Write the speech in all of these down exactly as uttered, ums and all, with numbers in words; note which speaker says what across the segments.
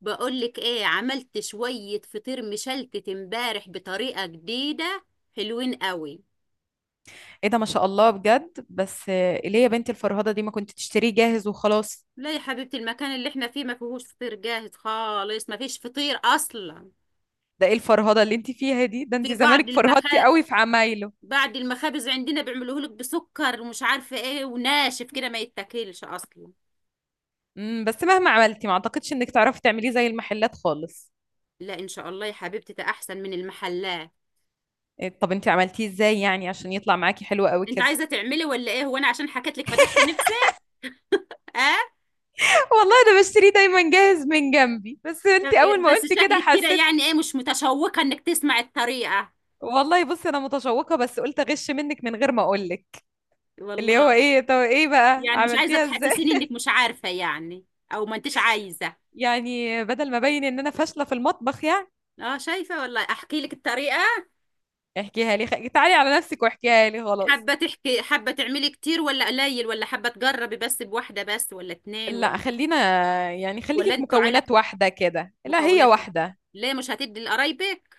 Speaker 1: بقولك ايه، عملت شوية فطير مشلتت امبارح بطريقة جديدة. حلوين قوي.
Speaker 2: ايه ده، ما شاء الله بجد. بس آه، ليه يا بنتي الفرهده دي؟ ما كنت تشتريه جاهز وخلاص.
Speaker 1: لا يا حبيبتي، المكان اللي احنا فيه ما فيهوش فطير جاهز خالص، ما فيش فطير اصلا.
Speaker 2: ده ايه الفرهده اللي انت فيها دي؟ ده انت
Speaker 1: في بعض
Speaker 2: زمانك فرهدتي
Speaker 1: المخا
Speaker 2: قوي في عمايله.
Speaker 1: بعض المخابز عندنا بيعملوه لك بسكر ومش عارفة ايه، وناشف كده ما يتاكلش اصلا.
Speaker 2: امم بس مهما عملتي ما اعتقدش انك تعرفي تعمليه زي المحلات خالص.
Speaker 1: لا ان شاء الله يا حبيبتي، ده احسن من المحلات.
Speaker 2: إيه، طب انت عملتيه ازاي يعني عشان يطلع معاكي حلو قوي
Speaker 1: انت
Speaker 2: كده؟
Speaker 1: عايزة تعملي ولا ايه؟ هو انا عشان حكيت لك فتحت نفسك؟ اه.
Speaker 2: والله انا بشتريه دايما جاهز من جنبي، بس
Speaker 1: طب
Speaker 2: انت اول
Speaker 1: إيه،
Speaker 2: ما
Speaker 1: بس
Speaker 2: قلت كده
Speaker 1: شكلك كده
Speaker 2: حسيت.
Speaker 1: يعني ايه، مش متشوقة انك تسمع الطريقة؟
Speaker 2: والله بصي انا متشوقه، بس قلت اغش منك من غير ما اقول لك. اللي
Speaker 1: والله
Speaker 2: هو ايه؟ طب ايه بقى
Speaker 1: يعني مش عايزة
Speaker 2: عملتيها ازاي؟
Speaker 1: تحسسيني انك مش عارفة يعني، او ما انتش عايزة.
Speaker 2: يعني بدل ما ابين ان انا فاشله في المطبخ يعني.
Speaker 1: اه شايفة، والله احكي لك الطريقة.
Speaker 2: احكيها لي خ... تعالي على نفسك واحكيها لي خلاص.
Speaker 1: حابة تحكي، حابة تعملي كتير ولا قليل، ولا حابة تجربي بس بواحدة بس، ولا اتنين
Speaker 2: لا،
Speaker 1: ولا
Speaker 2: خلينا يعني خليكي
Speaker 1: ولا
Speaker 2: في
Speaker 1: انتوا عيلة؟
Speaker 2: مكونات واحدة كده، لا هي
Speaker 1: مكوناته.
Speaker 2: واحدة.
Speaker 1: ليه مش هتدي لقرايبك؟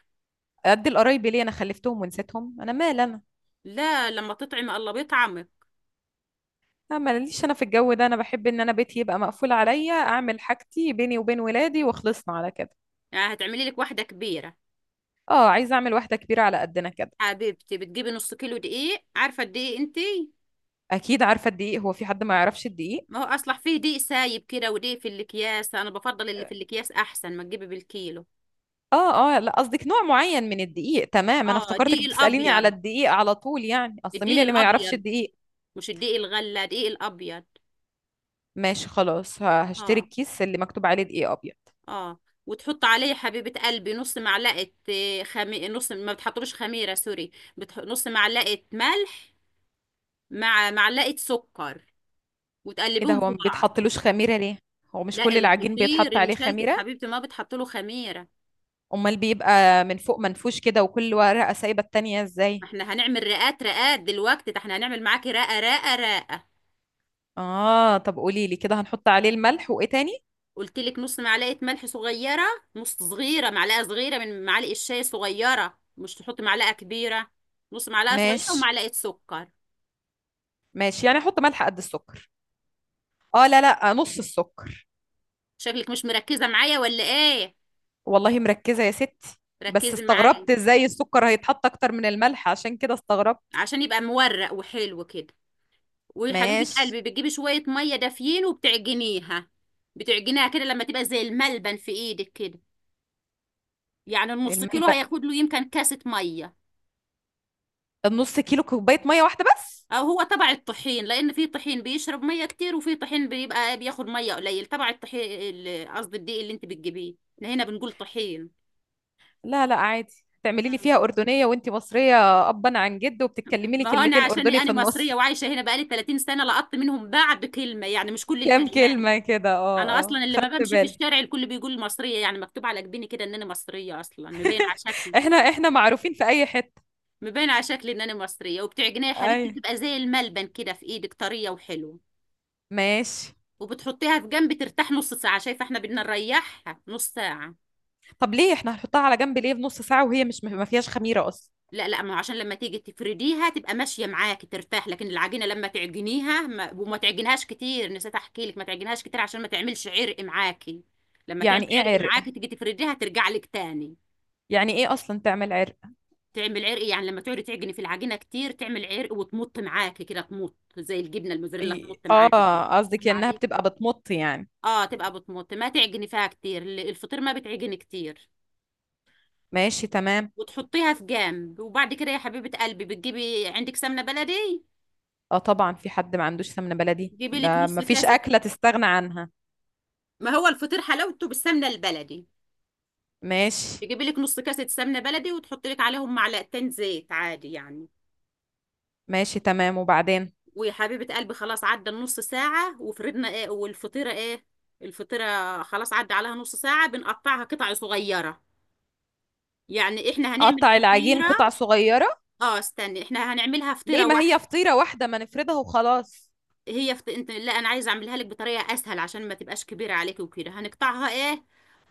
Speaker 2: قد القرايب ليه؟ انا خلفتهم ونسيتهم، انا مال انا.
Speaker 1: لا لما تطعم الله بيطعمك.
Speaker 2: لا ماليش انا في الجو ده، انا بحب ان انا بيتي يبقى مقفول عليا، اعمل حاجتي بيني وبين ولادي وخلصنا على كده.
Speaker 1: يعني هتعملي لك واحدة كبيرة؟
Speaker 2: اه عايزة اعمل واحدة كبيرة على قدنا كده.
Speaker 1: حبيبتي بتجيبي نص كيلو دقيق، عارفة الدقيق انتي؟
Speaker 2: اكيد عارفة الدقيق، هو في حد ما يعرفش الدقيق؟
Speaker 1: ما هو اصلح فيه دقيق سايب كده ودقيق في الاكياس، انا بفضل اللي في الاكياس، احسن ما تجيبي بالكيلو.
Speaker 2: اه اه، لا قصدك نوع معين من الدقيق، تمام. انا
Speaker 1: اه
Speaker 2: افتكرتك
Speaker 1: دقيق
Speaker 2: بتسأليني على
Speaker 1: الابيض،
Speaker 2: الدقيق على طول، يعني اصل مين
Speaker 1: الدقيق
Speaker 2: اللي ما يعرفش
Speaker 1: الابيض،
Speaker 2: الدقيق.
Speaker 1: مش الدقيق الغله، دقيق الابيض.
Speaker 2: ماشي خلاص، ه- هشتري
Speaker 1: اه
Speaker 2: الكيس اللي مكتوب عليه دقيق ابيض.
Speaker 1: اه. وتحط عليه حبيبه قلبي نص معلقه آه، خمي... نص، ما بتحطلوش خميره، سوري. بتح... نص معلقه ملح، مع معلقه سكر،
Speaker 2: ايه ده،
Speaker 1: وتقلبيهم
Speaker 2: هو
Speaker 1: في
Speaker 2: ما
Speaker 1: بعض.
Speaker 2: بيتحطلوش خميره ليه؟ هو مش
Speaker 1: لا
Speaker 2: كل العجين
Speaker 1: الفطير
Speaker 2: بيتحط عليه
Speaker 1: المشلتت
Speaker 2: خميره؟
Speaker 1: حبيبتي ما بتحط له خميره.
Speaker 2: امال بيبقى من فوق منفوش كده وكل ورقه سايبه التانية
Speaker 1: ما
Speaker 2: ازاي؟
Speaker 1: احنا هنعمل رقات رقات دلوقتي، ده احنا هنعمل معاكي رقه رقه رقه.
Speaker 2: اه طب قولي لي كده، هنحط عليه الملح وايه تاني؟
Speaker 1: قلت لك نص معلقه ملح صغيره، نص صغيره، معلقه صغيره من معالق الشاي صغيره، مش تحطي معلقه كبيره. نص معلقه صغيره
Speaker 2: ماشي.
Speaker 1: ومعلقه سكر.
Speaker 2: ماشي، يعني احط ملح قد السكر؟ اه لا لا، نص السكر.
Speaker 1: شكلك مش مركزه معايا ولا ايه؟
Speaker 2: والله مركزه يا ستي. بس
Speaker 1: ركزي معايا.
Speaker 2: استغربت ازاي السكر هيتحط اكتر من الملح، عشان كده استغربت.
Speaker 1: عشان يبقى مورق وحلو كده. وحبيبه
Speaker 2: ماشي.
Speaker 1: قلبي بتجيبي شويه ميه دافيين وبتعجنيها. بتعجنيها كده لما تبقى زي الملبن في ايدك كده. يعني النص كيلو
Speaker 2: الملبق.
Speaker 1: هياخد له يمكن كاسه ميه.
Speaker 2: النص كيلو كوبايه ميه واحده بس؟
Speaker 1: او هو تبع الطحين، لان في طحين بيشرب ميه كتير وفي طحين بيبقى بياخد ميه قليل، تبع الطحين ال- قصدي الدقيق اللي انت بتجيبيه، احنا هنا بنقول طحين.
Speaker 2: لا لا عادي. تعملي لي
Speaker 1: مم.
Speaker 2: فيها أردنية وانتي مصرية أبا عن جد، وبتتكلمي لي
Speaker 1: ما هو انا
Speaker 2: كلمتين
Speaker 1: عشان
Speaker 2: أردني في
Speaker 1: انا مصريه
Speaker 2: النص؟
Speaker 1: وعايشه هنا بقالي 30 سنه، لقطت منهم بعض كلمه، يعني مش كل
Speaker 2: كام
Speaker 1: الكلمات.
Speaker 2: كلمة كده،
Speaker 1: انا
Speaker 2: اه اه،
Speaker 1: اصلا اللي ما
Speaker 2: خدت
Speaker 1: بمشي في
Speaker 2: بالي.
Speaker 1: الشارع الكل بيقول مصريه، يعني مكتوب على جبيني كده ان انا مصريه، اصلا مبين على شكلي.
Speaker 2: احنا احنا معروفين في أي حتة.
Speaker 1: مبين على شكلي ان انا مصريه. وبتعجنيه يا حبيبتي
Speaker 2: أي.
Speaker 1: بتبقى زي الملبن كده في ايدك، طريه وحلوه.
Speaker 2: ماشي.
Speaker 1: وبتحطيها في جنب ترتاح نص ساعه، شايفه احنا بدنا نريحها نص ساعه.
Speaker 2: طب ليه احنا هنحطها على جنب ليه بنص ساعة وهي مش ما فيهاش خميرة أصلا؟
Speaker 1: لا لا، ما هو عشان لما تيجي تفرديها تبقى ماشيه معاك، ترتاح. لكن العجينه لما تعجنيها ما وما تعجنهاش كتير، نسيت احكي لك، ما تعجنهاش كتير عشان ما تعملش عرق معاكي. لما تعمل
Speaker 2: يعني ايه
Speaker 1: عرق
Speaker 2: عرق؟
Speaker 1: معاكي تيجي تفرديها ترجع لك تاني.
Speaker 2: يعني ايه أصلا تعمل عرق؟
Speaker 1: تعمل عرق يعني لما تقعدي تعجني في العجينه كتير تعمل عرق وتمط معاكي كده، تمط زي الجبنه الموزاريلا،
Speaker 2: إي-
Speaker 1: تمط معاكي كده.
Speaker 2: اه، قصدك
Speaker 1: فاهمه
Speaker 2: انها
Speaker 1: عليك.
Speaker 2: بتبقى بتمط يعني.
Speaker 1: اه تبقى بتمط، ما تعجني فيها كتير، الفطير ما بتعجني كتير.
Speaker 2: ماشي تمام.
Speaker 1: وتحطيها في جنب، وبعد كده يا حبيبه قلبي بتجيبي عندك سمنه بلدي.
Speaker 2: اه طبعا، في حد ما عندوش سمنة بلدي؟
Speaker 1: جيبي لك
Speaker 2: ده
Speaker 1: نص
Speaker 2: ما فيش
Speaker 1: كاس،
Speaker 2: أكلة تستغنى عنها.
Speaker 1: ما هو الفطير حلاوته بالسمنه البلدي.
Speaker 2: ماشي.
Speaker 1: تجيبي لك نص كاسه سمنه بلدي وتحطي لك عليهم معلقتين زيت عادي يعني.
Speaker 2: ماشي تمام، وبعدين؟
Speaker 1: ويا حبيبه قلبي، خلاص عدى النص ساعه، وفرضنا ايه والفطيره ايه، الفطيره خلاص عدى عليها نص ساعه، بنقطعها قطع صغيره. يعني احنا هنعمل
Speaker 2: قطع العجين قطع
Speaker 1: فطيره.
Speaker 2: صغيرة؟
Speaker 1: اه استني، احنا هنعملها فطيره.
Speaker 2: ليه؟ ما هي فطيرة واحدة، ما نفردها وخلاص.
Speaker 1: هي فت... انت، لا انا عايزه اعملها لك بطريقه اسهل عشان ما تبقاش كبيره عليك وكده، هنقطعها ايه،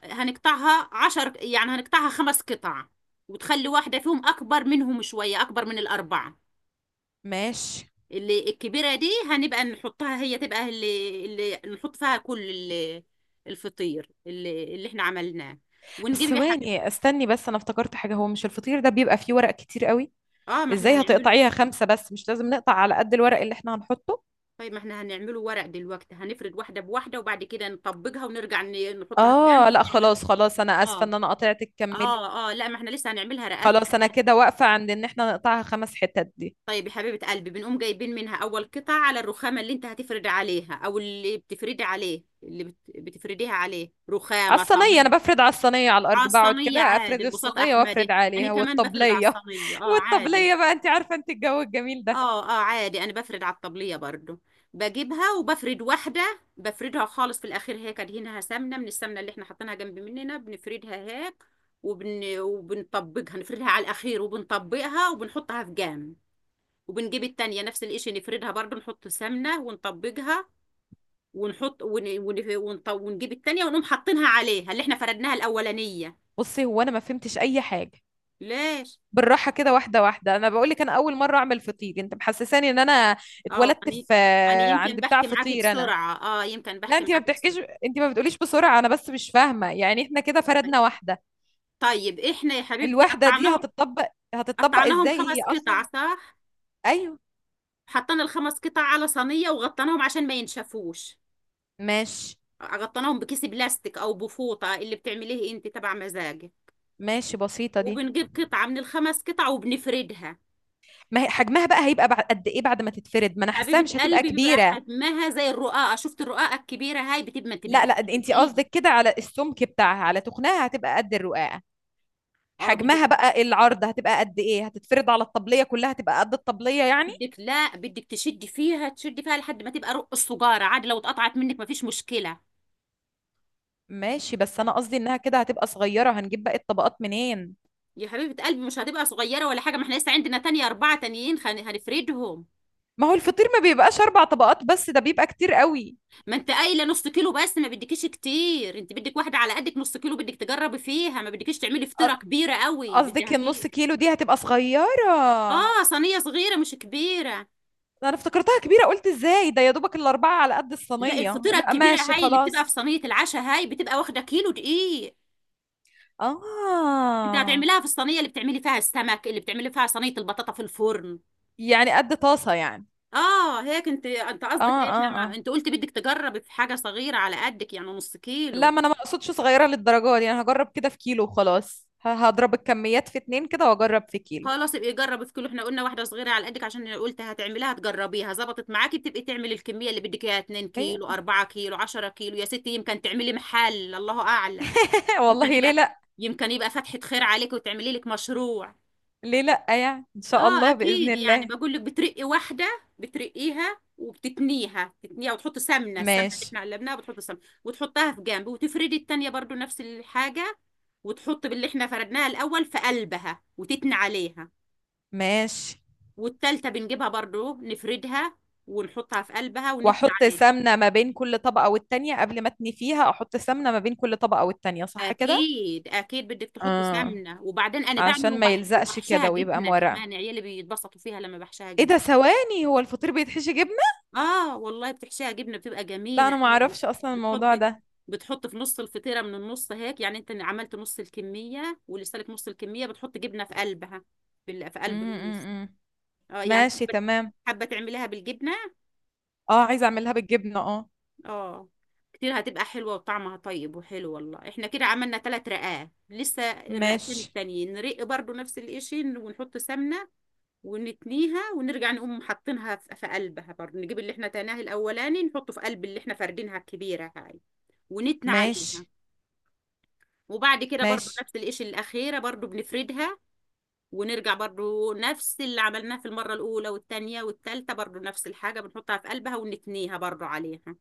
Speaker 1: هنقطعها عشر، يعني هنقطعها خمس قطع. وتخلي واحده فيهم اكبر منهم شويه، اكبر من الاربعه.
Speaker 2: ماشي.
Speaker 1: اللي الكبيره دي هنبقى نحطها، هي تبقى اللي, اللي نحط فيها كل ال- الفطير اللي, اللي احنا عملناه.
Speaker 2: بس
Speaker 1: ونجيب يا حبيبتي.
Speaker 2: ثواني، استني بس، انا افتكرت حاجة. هو مش الفطير ده بيبقى فيه ورق كتير قوي؟
Speaker 1: اه، ما احنا
Speaker 2: ازاي
Speaker 1: هنعمله.
Speaker 2: هتقطعيها خمسة؟ بس مش لازم نقطع على قد الورق اللي احنا هنحطه؟
Speaker 1: طيب ما احنا هنعمله ورق دلوقتي، هنفرد واحده بواحده، وبعد كده نطبقها ونرجع ن- نحطها في
Speaker 2: اه
Speaker 1: جنب
Speaker 2: لا
Speaker 1: ونعمله.
Speaker 2: خلاص خلاص، انا اسفة
Speaker 1: اه
Speaker 2: ان انا قطعتك، كملي.
Speaker 1: اه. اه، لا ما احنا لسه هنعملها رقات
Speaker 2: خلاص انا
Speaker 1: رقات.
Speaker 2: كده واقفة عند ان احنا نقطعها خمس حتت دي.
Speaker 1: طيب يا حبيبة قلبي، بنقوم جايبين منها اول قطعة على الرخامة اللي انت هتفرد عليها، او اللي بتفردي عليه، اللي بت... بتفرديها عليه،
Speaker 2: على
Speaker 1: رخامة
Speaker 2: الصينية، انا
Speaker 1: صينية.
Speaker 2: بفرد على الصينية، على
Speaker 1: على
Speaker 2: الارض بقعد كده،
Speaker 1: الصينية عادي،
Speaker 2: افرد
Speaker 1: البساط
Speaker 2: الصينية وافرد
Speaker 1: احمدي، انا
Speaker 2: عليها،
Speaker 1: كمان بفرد على
Speaker 2: والطبلية.
Speaker 1: الصينية اه عادي.
Speaker 2: والطبلية بقى انت عارفة، انت الجو الجميل ده.
Speaker 1: اه اه عادي، انا بفرد على الطبلية برضو. بجيبها وبفرد واحدة، بفردها خالص في الاخير هيك، ادهنها سمنة من السمنة اللي احنا حاطينها جنب مننا، بنفردها هيك. وبن... وبنطبقها، نفردها على الاخير وبنطبقها وبنحطها في جام. وبنجيب التانية نفس القشر، نفردها برضو، نحط سمنة ونطبجها. ونحط ون... ون... ونط... ونجيب التانية ونقوم حاطينها عليها اللي احنا فردناها الأولانية.
Speaker 2: بصي هو انا ما فهمتش اي حاجة.
Speaker 1: ليش؟
Speaker 2: بالراحه كده، واحده واحده. انا بقول لك انا اول مره اعمل فطير، انت محسساني ان انا
Speaker 1: اه
Speaker 2: اتولدت
Speaker 1: يعني،
Speaker 2: في
Speaker 1: يعني يمكن
Speaker 2: عند بتاع
Speaker 1: بحكي معاكي
Speaker 2: فطير انا.
Speaker 1: بسرعة. اه يمكن
Speaker 2: لا
Speaker 1: بحكي
Speaker 2: انت ما
Speaker 1: معاكي
Speaker 2: بتحكيش،
Speaker 1: بسرعة.
Speaker 2: انت ما بتقوليش بسرعه، انا بس مش فاهمه. يعني احنا كده
Speaker 1: طيب.
Speaker 2: فردنا واحده؟
Speaker 1: طيب احنا يا حبيبتي
Speaker 2: الواحده دي
Speaker 1: قطعناهم.
Speaker 2: هتطبق؟ هتطبق
Speaker 1: قطعناهم
Speaker 2: ازاي
Speaker 1: خمس
Speaker 2: هي اصلا؟
Speaker 1: قطع صح؟
Speaker 2: ايوه.
Speaker 1: حطينا الخمس قطع على صينية وغطيناهم عشان ما ينشفوش.
Speaker 2: ماشي.
Speaker 1: غطيناهم بكيس بلاستيك او بفوطة، اللي بتعمليه انت تبع مزاجك.
Speaker 2: ماشي بسيطه دي.
Speaker 1: وبنجيب قطعة من الخمس قطع وبنفردها.
Speaker 2: ما هي حجمها بقى هيبقى بعد قد ايه بعد ما تتفرد؟ ما انا حاساها
Speaker 1: حبيبة
Speaker 2: مش هتبقى
Speaker 1: قلبي بيبقى
Speaker 2: كبيره.
Speaker 1: حجمها زي الرقاقة، شفت الرقاقة الكبيرة هاي، بتبقى انت
Speaker 2: لا
Speaker 1: بدك
Speaker 2: لا، انت
Speaker 1: ترقيها.
Speaker 2: قصدك كده على السمك بتاعها، على تخنها هتبقى قد الرقاقه.
Speaker 1: اه بدك،
Speaker 2: حجمها بقى العرض هتبقى قد ايه؟ هتتفرد على الطبلية كلها؟ هتبقى قد الطبلية يعني؟
Speaker 1: بدك لا بدك تشدي فيها، تشدي فيها لحد ما تبقى رق السجارة، عادي لو اتقطعت منك مفيش مشكلة.
Speaker 2: ماشي، بس انا قصدي انها كده هتبقى صغيرة، هنجيب باقي الطبقات منين؟
Speaker 1: يا حبيبة قلبي مش هتبقى صغيرة ولا حاجة، ما احنا لسه عندنا تانية، أربعة تانيين خن- هنفردهم.
Speaker 2: ما هو الفطير ما بيبقاش اربع طبقات بس، ده بيبقى كتير قوي.
Speaker 1: ما انت قايلة نص كيلو بس، ما بدكيش كتير، انت بدك واحدة على قدك، نص كيلو بدك تجربي فيها، ما بدكيش تعملي
Speaker 2: أ-
Speaker 1: فطيرة كبيرة قوي بدها
Speaker 2: قصدك
Speaker 1: كيلو.
Speaker 2: النص كيلو دي هتبقى صغيرة؟
Speaker 1: اه صينية صغيرة مش كبيرة.
Speaker 2: انا افتكرتها كبيرة، قلت ازاي ده يا دوبك الاربعة على قد
Speaker 1: لا
Speaker 2: الصينية،
Speaker 1: الفطيره
Speaker 2: لا
Speaker 1: الكبيره
Speaker 2: ماشي
Speaker 1: هاي اللي بتبقى في
Speaker 2: خلاص.
Speaker 1: صينيه العشاء، هاي بتبقى واخده كيلو دقيق. انت
Speaker 2: اه.
Speaker 1: هتعمليها في الصينيه اللي بتعملي فيها السمك، اللي بتعملي فيها صينيه البطاطا في الفرن.
Speaker 2: يعني قد طاسة يعني؟
Speaker 1: اه هيك، انت انت قصدك
Speaker 2: اه
Speaker 1: ايه،
Speaker 2: اه
Speaker 1: احنا ما...
Speaker 2: اه،
Speaker 1: انت قلت بدك تجربي في حاجه صغيره على قدك، يعني نص
Speaker 2: لا
Speaker 1: كيلو.
Speaker 2: ما انا ما اقصدش صغيره للدرجه دي، انا هجرب كده في كيلو وخلاص. ه- هضرب الكميات في اتنين كده واجرب في كيلو.
Speaker 1: خلاص ابقي جربي في كيلو، احنا قلنا واحده صغيره على قدك عشان قلت هتعمليها تجربيها، ظبطت معاكي بتبقي تعملي الكميه اللي بدك اياها، اتنين كيلو
Speaker 2: إيه؟
Speaker 1: كيلو 4 كيلو 10 كيلو يا ستي، يمكن تعملي محل الله اعلم. يمكن
Speaker 2: والله ليه
Speaker 1: يبقى،
Speaker 2: لا.
Speaker 1: يمكن يبقى فتحه خير عليك وتعملي لك مشروع.
Speaker 2: ليه لا يعني، ان شاء
Speaker 1: اه
Speaker 2: الله باذن
Speaker 1: اكيد، يعني
Speaker 2: الله.
Speaker 1: بقول لك بترقي واحده، بترقيها وبتتنيها، تتنيها وتحط سمنه، السمنه اللي
Speaker 2: ماشي.
Speaker 1: احنا قلبناها بتحط سمنه وتحطها في جنب. وتفردي التانيه برضو نفس الحاجه، وتحط باللي احنا فردناها الاول في قلبها وتتني عليها.
Speaker 2: ماشي.
Speaker 1: والتالته بنجيبها برضو نفردها ونحطها في قلبها ونتني
Speaker 2: واحط
Speaker 1: عليها.
Speaker 2: سمنه ما بين كل طبقه والتانيه؟ قبل ما اتني فيها احط سمنه ما بين كل طبقه والتانيه، صح كده؟
Speaker 1: اكيد اكيد بدك تحطي
Speaker 2: اه،
Speaker 1: سمنه. وبعدين انا بعمل
Speaker 2: عشان ما
Speaker 1: وبح...
Speaker 2: يلزقش
Speaker 1: وبحشها
Speaker 2: كده ويبقى
Speaker 1: جبنه
Speaker 2: مورقه.
Speaker 1: كمان، عيالي بيتبسطوا فيها لما بحشها
Speaker 2: ايه ده،
Speaker 1: جبنه.
Speaker 2: ثواني، هو الفطير بيتحشي جبنه؟
Speaker 1: اه والله بتحشيها جبنه بتبقى
Speaker 2: لا
Speaker 1: جميله
Speaker 2: انا ما
Speaker 1: عادي.
Speaker 2: اعرفش اصلا الموضوع
Speaker 1: بتحطي
Speaker 2: ده.
Speaker 1: بتحط في نص الفطيره، من النص هيك، يعني انت عملت نص الكميه ولسه لك نص الكميه، بتحط جبنه في قلبها، في ال- في
Speaker 2: م
Speaker 1: قلب النص.
Speaker 2: -م -م.
Speaker 1: اه يعني
Speaker 2: ماشي
Speaker 1: حابه،
Speaker 2: تمام.
Speaker 1: حابه تعمليها بالجبنه
Speaker 2: اه عايزه اعملها بالجبنه، اه.
Speaker 1: اه. كتير هتبقى حلوه وطعمها طيب وحلو والله. احنا كده عملنا ثلاث رقات، لسه الرقتين
Speaker 2: ماشي.
Speaker 1: التانيين نرق برضو نفس الاشي ونحط سمنه ونتنيها. ونرجع نقوم حاطينها في في قلبها برضه. نجيب اللي احنا تناه الاولاني نحطه في قلب اللي احنا فردينها الكبيره هاي ونتنى
Speaker 2: ماشي.
Speaker 1: عليها. وبعد كده برضو
Speaker 2: ماشي.
Speaker 1: نفس القش الأخيرة برضو بنفردها. ونرجع برضو نفس اللي عملناه في المرة الأولى والتانية والتالتة برضو نفس الحاجة، بنحطها في قلبها ونتنيها برضو عليها.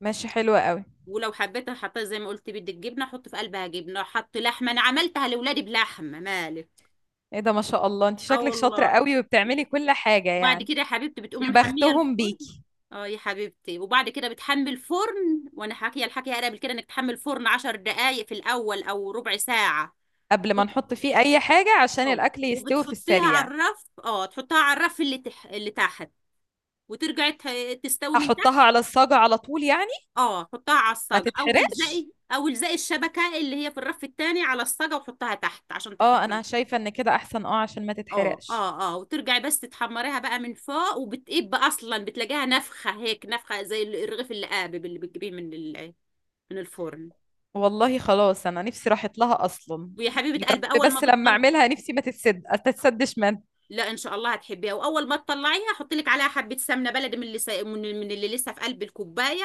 Speaker 2: ماشي، حلوة قوي.
Speaker 1: ولو حبيت حطيت زي ما قلت بدك جبنة حط في قلبها جبنة، حط لحمة، أنا عملتها لأولادي بلحمة مالك.
Speaker 2: ايه ده، ما شاء الله، انت
Speaker 1: اه
Speaker 2: شكلك
Speaker 1: والله.
Speaker 2: شاطرة قوي وبتعملي كل حاجة
Speaker 1: وبعد
Speaker 2: يعني.
Speaker 1: كده يا حبيبتي بتقوم
Speaker 2: يا
Speaker 1: محميه
Speaker 2: بختهم
Speaker 1: الفرن.
Speaker 2: بيكي.
Speaker 1: اه يا حبيبتي، وبعد كده بتحمي الفرن، وانا حاكيه الحكي قبل كده، انك تحمي الفرن عشر دقائق في الاول او ربع ساعه.
Speaker 2: قبل ما
Speaker 1: وبت-
Speaker 2: نحط فيه اي حاجة عشان
Speaker 1: اه
Speaker 2: الاكل يستوي في
Speaker 1: وبتحطيها على
Speaker 2: السريع؟
Speaker 1: الرف، اه تحطها على الرف اللي تح... اللي تحت. وترجعي ت- تستوي من تحت.
Speaker 2: احطها على الصاجة على طول يعني؟
Speaker 1: اه حطها على
Speaker 2: ما
Speaker 1: الصاجه، او
Speaker 2: تتحرقش.
Speaker 1: الزقي، او الزقي الشبكه اللي هي في الرف التاني، على الصاجه وحطها تحت عشان
Speaker 2: اه
Speaker 1: تحمر.
Speaker 2: انا شايفة ان كده احسن، اه عشان ما
Speaker 1: اه
Speaker 2: تتحرقش.
Speaker 1: اه اه. وترجعي بس تتحمريها بقى من فوق، وبتقب اصلا بتلاقيها نفخه هيك، نفخه زي الرغيف اللي قابب اللي بتجيبيه من ال- من الفرن.
Speaker 2: والله خلاص، انا نفسي راحت لها اصلا.
Speaker 1: ويا حبيبه
Speaker 2: يا
Speaker 1: قلبي
Speaker 2: رب
Speaker 1: اول ما
Speaker 2: بس لما
Speaker 1: بتطلع،
Speaker 2: اعملها، نفسي ما تتسد، ما تتسدش من.
Speaker 1: لا ان شاء الله هتحبيها، واول ما تطلعيها حطي لك عليها حبه سمنه بلدي من اللي سا... من من اللي لسه في قلب الكوبايه،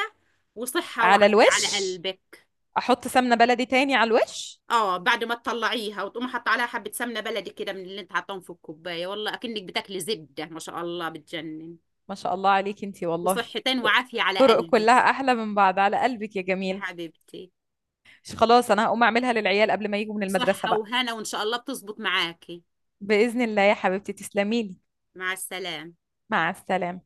Speaker 1: وصحه
Speaker 2: على
Speaker 1: وعافيه على
Speaker 2: الوش.
Speaker 1: قلبك.
Speaker 2: احط سمنة بلدي تاني على الوش؟
Speaker 1: اه بعد ما تطلعيها وتقومي حاطه عليها حبه سمنه بلدي كده من اللي انت حاطاهم في الكوبايه، والله اكنك بتاكلي زبده ما شاء الله بتجنن.
Speaker 2: ما شاء الله عليكي انتي والله.
Speaker 1: وصحتين وعافيه على
Speaker 2: طرق
Speaker 1: قلبك
Speaker 2: كلها احلى من بعض، على قلبك يا
Speaker 1: يا
Speaker 2: جميل.
Speaker 1: حبيبتي.
Speaker 2: مش خلاص، انا هقوم اعملها للعيال قبل ما يجوا من المدرسة
Speaker 1: صحة
Speaker 2: بقى.
Speaker 1: وهنا وإن شاء الله بتظبط معاكي.
Speaker 2: بإذن الله يا حبيبتي، تسلمي لي.
Speaker 1: مع السلامة.
Speaker 2: مع السلامة.